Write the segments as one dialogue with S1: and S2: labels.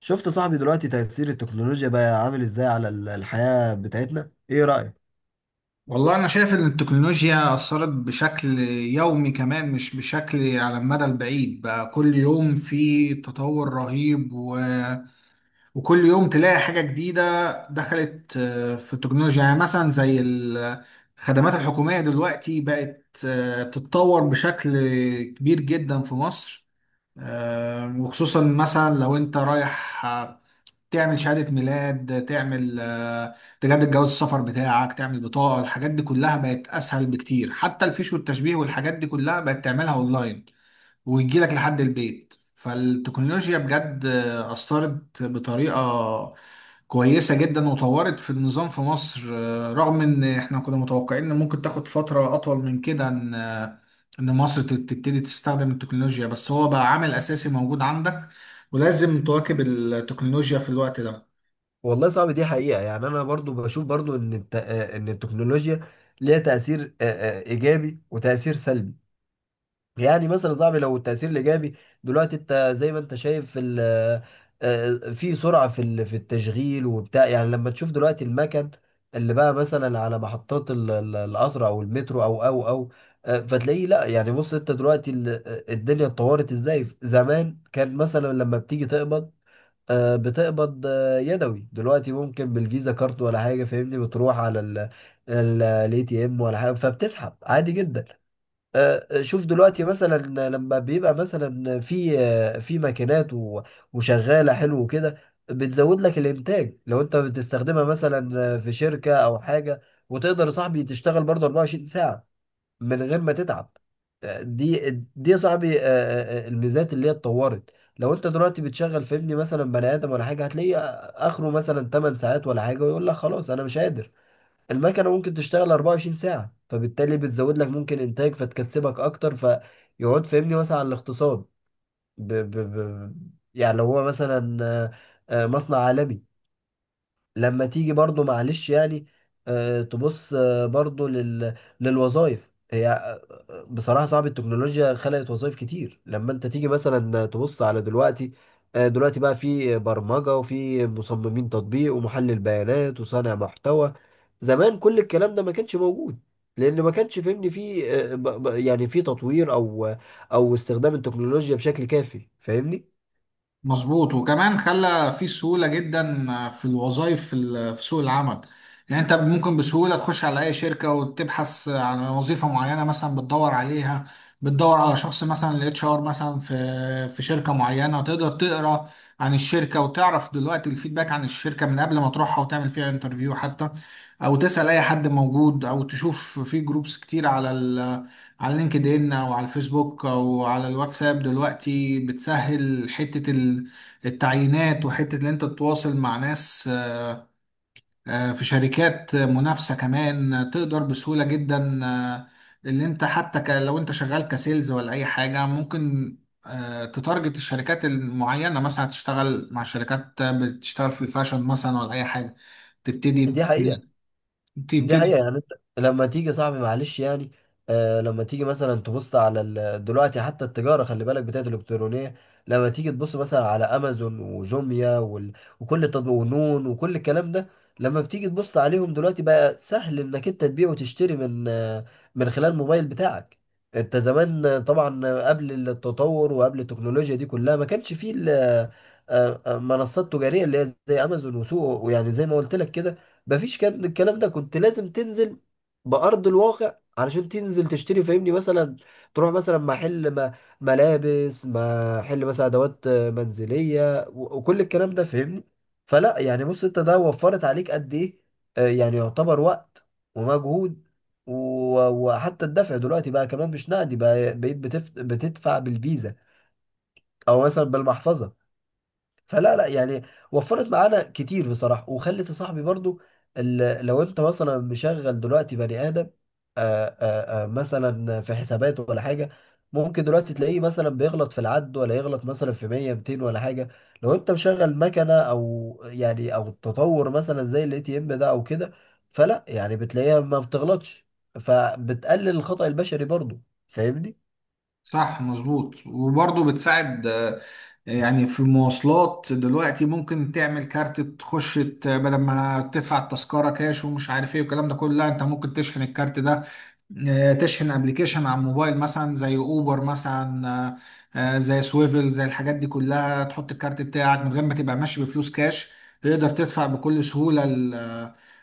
S1: شفت صاحبي دلوقتي تأثير التكنولوجيا بقى عامل ازاي على الحياة بتاعتنا، ايه رأيك؟
S2: والله أنا شايف إن التكنولوجيا أثرت بشكل يومي كمان مش بشكل على المدى البعيد، بقى كل يوم في تطور رهيب وكل يوم تلاقي حاجة جديدة دخلت في التكنولوجيا. يعني مثلا الخدمات الحكومية دلوقتي بقت تتطور بشكل كبير جدا في مصر، وخصوصا مثلا لو أنت رايح تعمل شهادة ميلاد، تعمل تجدد جواز السفر بتاعك، تعمل بطاقة. الحاجات دي كلها بقت أسهل بكتير، حتى الفيش والتشبيه والحاجات دي كلها بقت تعملها أونلاين، ويجي لك لحد البيت. فالتكنولوجيا بجد أثرت بطريقة كويسة جدا وطورت في النظام في مصر، رغم إن إحنا كنا متوقعين إن ممكن تاخد فترة أطول من كده، إن مصر تبتدي تستخدم التكنولوجيا، بس هو بقى عامل أساسي موجود عندك، ولازم تواكب التكنولوجيا في الوقت ده.
S1: والله صعب دي حقيقة. يعني أنا برضو بشوف برضو إن الت... آه، إن التكنولوجيا ليها تأثير إيجابي وتأثير سلبي. يعني مثلا يا صاحبي لو التأثير الإيجابي دلوقتي، أنت زي ما أنت شايف في في سرعة في في التشغيل وبتاع. يعني لما تشوف دلوقتي المكن اللي بقى مثلا على محطات القطر أو المترو أو فتلاقيه، لا يعني بص أنت دلوقتي الدنيا اتطورت إزاي. زمان كان مثلا لما بتيجي تقبض، بتقبض يدوي، دلوقتي ممكن بالفيزا كارت ولا حاجة، فاهمني، بتروح على ال الاي تي ام ولا حاجة فبتسحب عادي جدا. شوف دلوقتي مثلا لما بيبقى مثلا في في ماكينات وشغاله حلو كده، بتزود لك الانتاج لو انت بتستخدمها مثلا في شركه او حاجه، وتقدر يا صاحبي تشتغل برضه 24 ساعه من غير ما تتعب. آه، دي دي يا صاحبي الميزات اللي هي اتطورت. لو انت دلوقتي بتشغل فهمني مثلا بني ادم ولا حاجه، هتلاقيه اخره مثلا 8 ساعات ولا حاجه، ويقول لك خلاص انا مش قادر. المكنة ممكن تشتغل 24 ساعة، فبالتالي بتزود لك ممكن إنتاج فتكسبك أكتر، فيقعد فهمني مثلا على الاقتصاد. ب... ب... ب... يعني لو هو مثلا مصنع عالمي. لما تيجي برضو معلش يعني تبص برضو للوظائف، هي بصراحة صعب. التكنولوجيا خلقت وظائف كتير لما انت تيجي مثلا تبص على دلوقتي. دلوقتي بقى في برمجة وفي مصممين تطبيق ومحلل بيانات وصانع محتوى. زمان كل الكلام ده ما كانش موجود، لان ما كانش فهمني في يعني في تطوير او او استخدام التكنولوجيا بشكل كافي، فاهمني.
S2: مظبوط، وكمان خلى في سهولة جدا في الوظائف في سوق العمل. يعني انت ممكن بسهولة تخش على اي شركة وتبحث عن وظيفة معينة مثلا بتدور عليها، بتدور على شخص مثلا الاتش ار مثلا في شركة معينة. تقدر تقرا عن الشركة وتعرف دلوقتي الفيدباك عن الشركة من قبل ما تروحها وتعمل فيها انترفيو حتى، او تسأل اي حد موجود، او تشوف في جروبس كتير على لينكد ان او على الفيسبوك او على الواتساب. دلوقتي بتسهل التعيينات، وحتة ان انت تتواصل مع ناس في شركات منافسة كمان. تقدر بسهولة جدا اللي انت حتى لو انت شغال كسيلز ولا اي حاجة، ممكن تتارجت الشركات المعينة، مثلا تشتغل مع شركات بتشتغل في الفاشن مثلا ولا اي حاجة. تبتدي
S1: دي حقيقة. دي حقيقة
S2: تبتدي
S1: يعني انت لما تيجي صاحبي معلش يعني آه لما تيجي مثلا تبص على دلوقتي حتى التجارة خلي بالك بتاعت الإلكترونية. لما تيجي تبص مثلا على أمازون وجوميا وكل التطبيق ونون وكل الكلام ده، لما بتيجي تبص عليهم دلوقتي بقى سهل إنك أنت تبيع وتشتري من آه من خلال الموبايل بتاعك. أنت زمان طبعا قبل التطور وقبل التكنولوجيا دي كلها، ما كانش فيه منصات تجارية اللي هي زي أمازون وسوق، ويعني زي ما قلت لك كده مفيش. كان الكلام ده كنت لازم تنزل بأرض الواقع علشان تنزل تشتري، فاهمني، مثلا تروح مثلا محل ما ملابس، محل مثلا أدوات منزلية، وكل الكلام ده فاهمني. فلا يعني بص انت ده وفرت عليك قد ايه. يعني يعتبر وقت ومجهود، وحتى الدفع دلوقتي بقى كمان مش نقدي، بقى بقيت بتدفع بالفيزا او مثلا بالمحفظة. فلا لا يعني وفرت معانا كتير بصراحة. وخلت يا صاحبي برضو لو انت مثلا مشغل دلوقتي بني آدم آآ مثلا في حساباته ولا حاجة، ممكن دلوقتي تلاقيه مثلا بيغلط في العد، ولا يغلط مثلا في 100 200 ولا حاجة. لو انت مشغل مكنة او يعني او التطور مثلا زي الاي تي ام ده او كده، فلا يعني بتلاقيها ما بتغلطش، فبتقلل الخطأ البشري برضو، فاهمني.
S2: صح مظبوط، وبرضه بتساعد يعني في المواصلات. دلوقتي ممكن تعمل كارت تخش بدل ما تدفع التذكرة كاش ومش عارف ايه والكلام ده كله، لا انت ممكن تشحن الكارت ده، تشحن ابلكيشن على الموبايل مثلا زي اوبر مثلا، زي سويفل، زي الحاجات دي كلها. تحط الكارت بتاعك من غير ما تبقى ماشي بفلوس كاش، تقدر تدفع بكل سهولة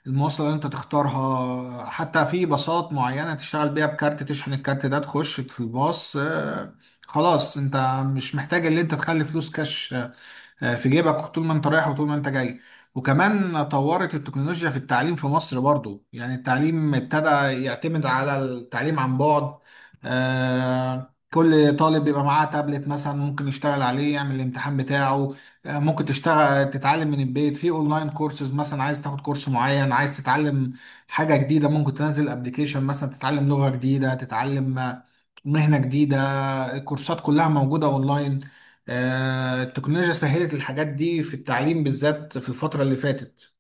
S2: المواصلة اللي انت تختارها. حتى في باصات معينة تشتغل بيها بكارت، تشحن الكارت ده تخش في الباص. خلاص انت مش محتاج ان انت تخلي فلوس كاش في جيبك طول ما انت رايح وطول ما انت جاي. وكمان طورت التكنولوجيا في التعليم في مصر برضو. يعني التعليم ابتدى يعتمد على التعليم عن بعد، كل طالب بيبقى معاه تابلت مثلا، ممكن يشتغل عليه، يعمل الامتحان بتاعه. ممكن تشتغل تتعلم من البيت في اونلاين كورسز، مثلا عايز تاخد كورس معين، عايز تتعلم حاجة جديدة، ممكن تنزل ابلكيشن مثلا تتعلم لغة جديدة، تتعلم مهنة جديدة. الكورسات كلها موجودة اونلاين. التكنولوجيا سهلت الحاجات دي في التعليم بالذات في الفترة اللي فاتت.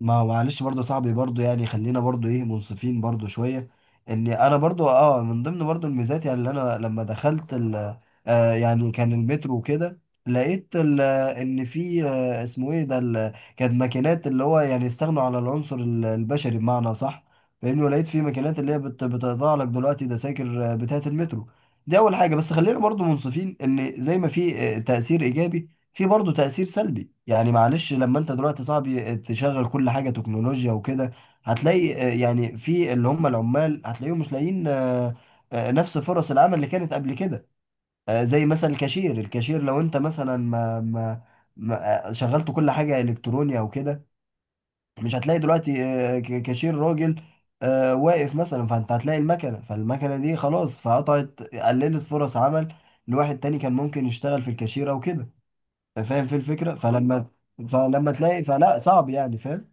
S1: ما معلش برضه يا صاحبي برضه يعني خلينا برضه ايه منصفين برضه شويه، ان انا برضه اه من ضمن برضه الميزات، يعني اللي انا لما دخلت ال آه يعني كان المترو وكده، لقيت ال ان في آه اسمه ايه ده كانت ماكينات اللي هو يعني استغنوا على العنصر البشري، بمعنى صح، فاهمني. ولقيت في ماكينات اللي هي بتقطع لك دلوقتي دساكر بتاعه المترو. دي اول حاجه. بس خلينا برضه منصفين ان زي ما في تاثير ايجابي، في برضه تأثير سلبي. يعني معلش لما انت دلوقتي صاحبي تشغل كل حاجة تكنولوجيا وكده، هتلاقي يعني في اللي هم العمال هتلاقيهم مش لاقيين نفس فرص العمل اللي كانت قبل كده. زي مثلا الكاشير. الكاشير لو انت مثلا شغلت كل حاجة إلكترونية او كده، مش هتلاقي دلوقتي كاشير راجل واقف مثلا. فانت هتلاقي المكنة، فالمكنة دي خلاص فقطعت قللت فرص عمل لواحد تاني كان ممكن يشتغل في الكاشير او كده، فاهم في الفكره. فلما تلاقي، فلا صعب يعني، فاهم.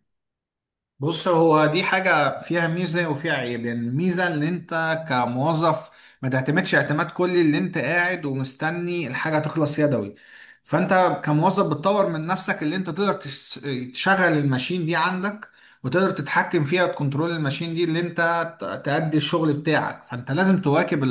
S2: بص، هو دي حاجة فيها ميزة وفيها عيب. يعني الميزة ان انت كموظف ما تعتمدش اعتماد كلي اللي انت قاعد ومستني الحاجة تخلص يدوي، فانت كموظف بتطور من نفسك، اللي انت تقدر تشغل الماشين دي عندك، وتقدر تتحكم فيها وتكنترول الماشين دي اللي انت تأدي الشغل بتاعك. فانت لازم تواكب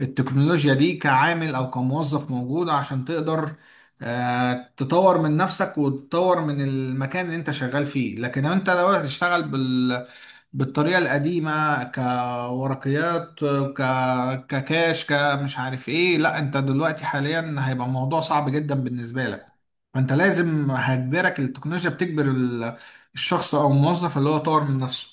S2: التكنولوجيا دي كعامل او كموظف موجود، عشان تقدر تطور من نفسك وتطور من المكان اللي انت شغال فيه. لكن لو انت لو هتشتغل بالطريقة القديمة كورقيات، ككاش كمش عارف ايه، لا انت دلوقتي حاليا هيبقى الموضوع صعب جدا بالنسبة لك. فانت لازم، هتجبرك التكنولوجيا، بتجبر الشخص او الموظف اللي هو يطور من نفسه.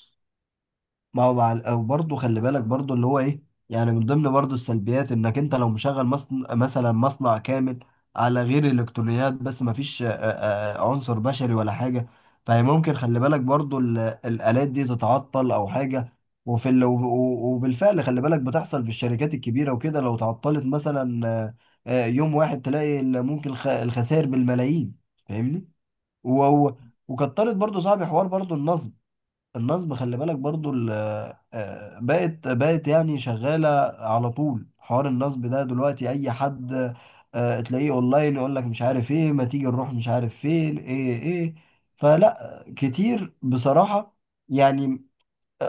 S1: ما هو مع وبرضه خلي بالك برضه اللي هو ايه، يعني من ضمن برضه السلبيات انك انت لو مشغل مصنع مثلا، مصنع كامل على غير الالكترونيات بس ما فيش عنصر بشري ولا حاجه، فهي ممكن خلي بالك برضه الالات دي تتعطل او حاجه. وفي ال... و- و- وبالفعل خلي بالك بتحصل في الشركات الكبيره وكده، لو تعطلت مثلا يوم واحد، تلاقي ممكن الخسائر بالملايين، فاهمني. و... و- وكترت برضو صاحبي حوار برضو النصب. النصب خلي بالك برضو ال... آه، بقت يعني شغالة على طول. حوار النصب ده دلوقتي أي حد تلاقيه أونلاين يقول لك مش عارف إيه، ما تيجي نروح مش عارف فين، إيه إيه. فلا كتير بصراحة يعني.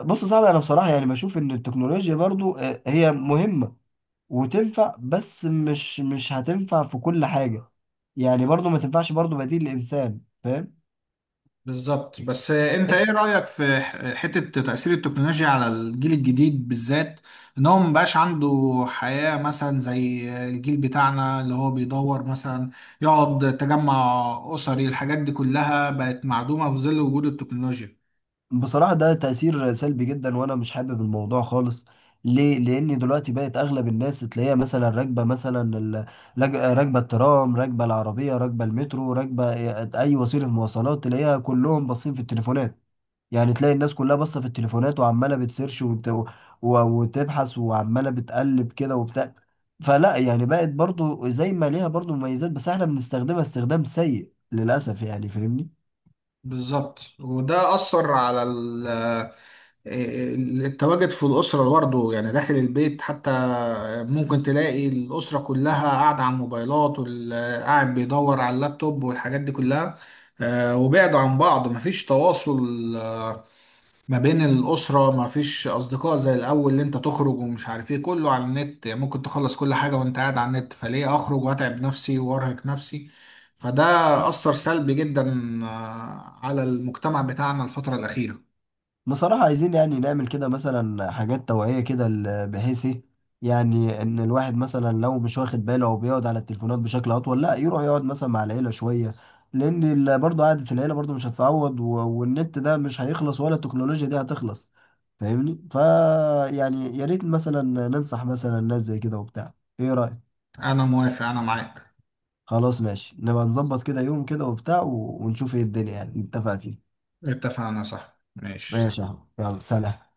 S1: بص صعب، أنا بصراحة يعني بشوف إن التكنولوجيا برضو هي مهمة وتنفع، بس مش هتنفع في كل حاجة. يعني برضو ما تنفعش برضو بديل الإنسان، فاهم.
S2: بالظبط، بس انت ايه رأيك في حتة تأثير التكنولوجيا على الجيل الجديد بالذات؟ ان هو مبقاش عنده حياة مثلا زي الجيل بتاعنا، اللي هو بيدور مثلا يقعد تجمع أسري. الحاجات دي كلها بقت معدومة في ظل وجود التكنولوجيا.
S1: بصراحة ده تأثير سلبي جدا، وأنا مش حابب الموضوع خالص. ليه؟ لأن دلوقتي بقت أغلب الناس تلاقيها مثلا راكبة مثلا راكبة الترام، راكبة العربية، راكبة المترو، راكبة أي وسيلة مواصلات، تلاقيها كلهم باصين في التليفونات. يعني تلاقي الناس كلها باصة في التليفونات، وعمالة وتبحث، وعمالة بتقلب كده وبتاع. فلا يعني بقت برضو زي ما ليها برضو مميزات، بس احنا بنستخدمها استخدام سيء للأسف يعني، فاهمني.
S2: بالظبط، وده أثر على التواجد في الأسرة برضه. يعني داخل البيت حتى ممكن تلاقي الأسرة كلها قاعدة على الموبايلات، واللي قاعد بيدور على اللابتوب والحاجات دي كلها. وبعدوا عن بعض، مفيش تواصل آه، ما بين الأسرة. ما فيش أصدقاء زي الأول اللي أنت تخرج ومش عارف إيه، كله على النت. يعني ممكن تخلص كل حاجة وأنت قاعد على النت، فليه أخرج وأتعب نفسي وأرهق نفسي؟ فده أثر سلبي جدا على المجتمع بتاعنا الفترة الأخيرة.
S1: بصراحة عايزين يعني نعمل كده مثلا حاجات توعية كده بحيث ايه، يعني ان الواحد مثلا لو مش واخد باله او بيقعد على التليفونات بشكل اطول، لا يروح يقعد مثلا مع العيلة شوية، لان برضه قعدة العيلة برضه مش هتتعوض، والنت ده مش هيخلص ولا التكنولوجيا دي هتخلص، فاهمني. فا يعني يا ريت مثلا ننصح مثلا ناس زي كده وبتاع. ايه رأيك؟
S2: أنا موافق، أنا معاك.
S1: خلاص ماشي، نبقى نظبط كده يوم كده وبتاع، ونشوف ايه الدنيا يعني نتفق فيه.
S2: اتفقنا، صح، ماشي.
S1: ماشي يا أحمد. يلا سلام.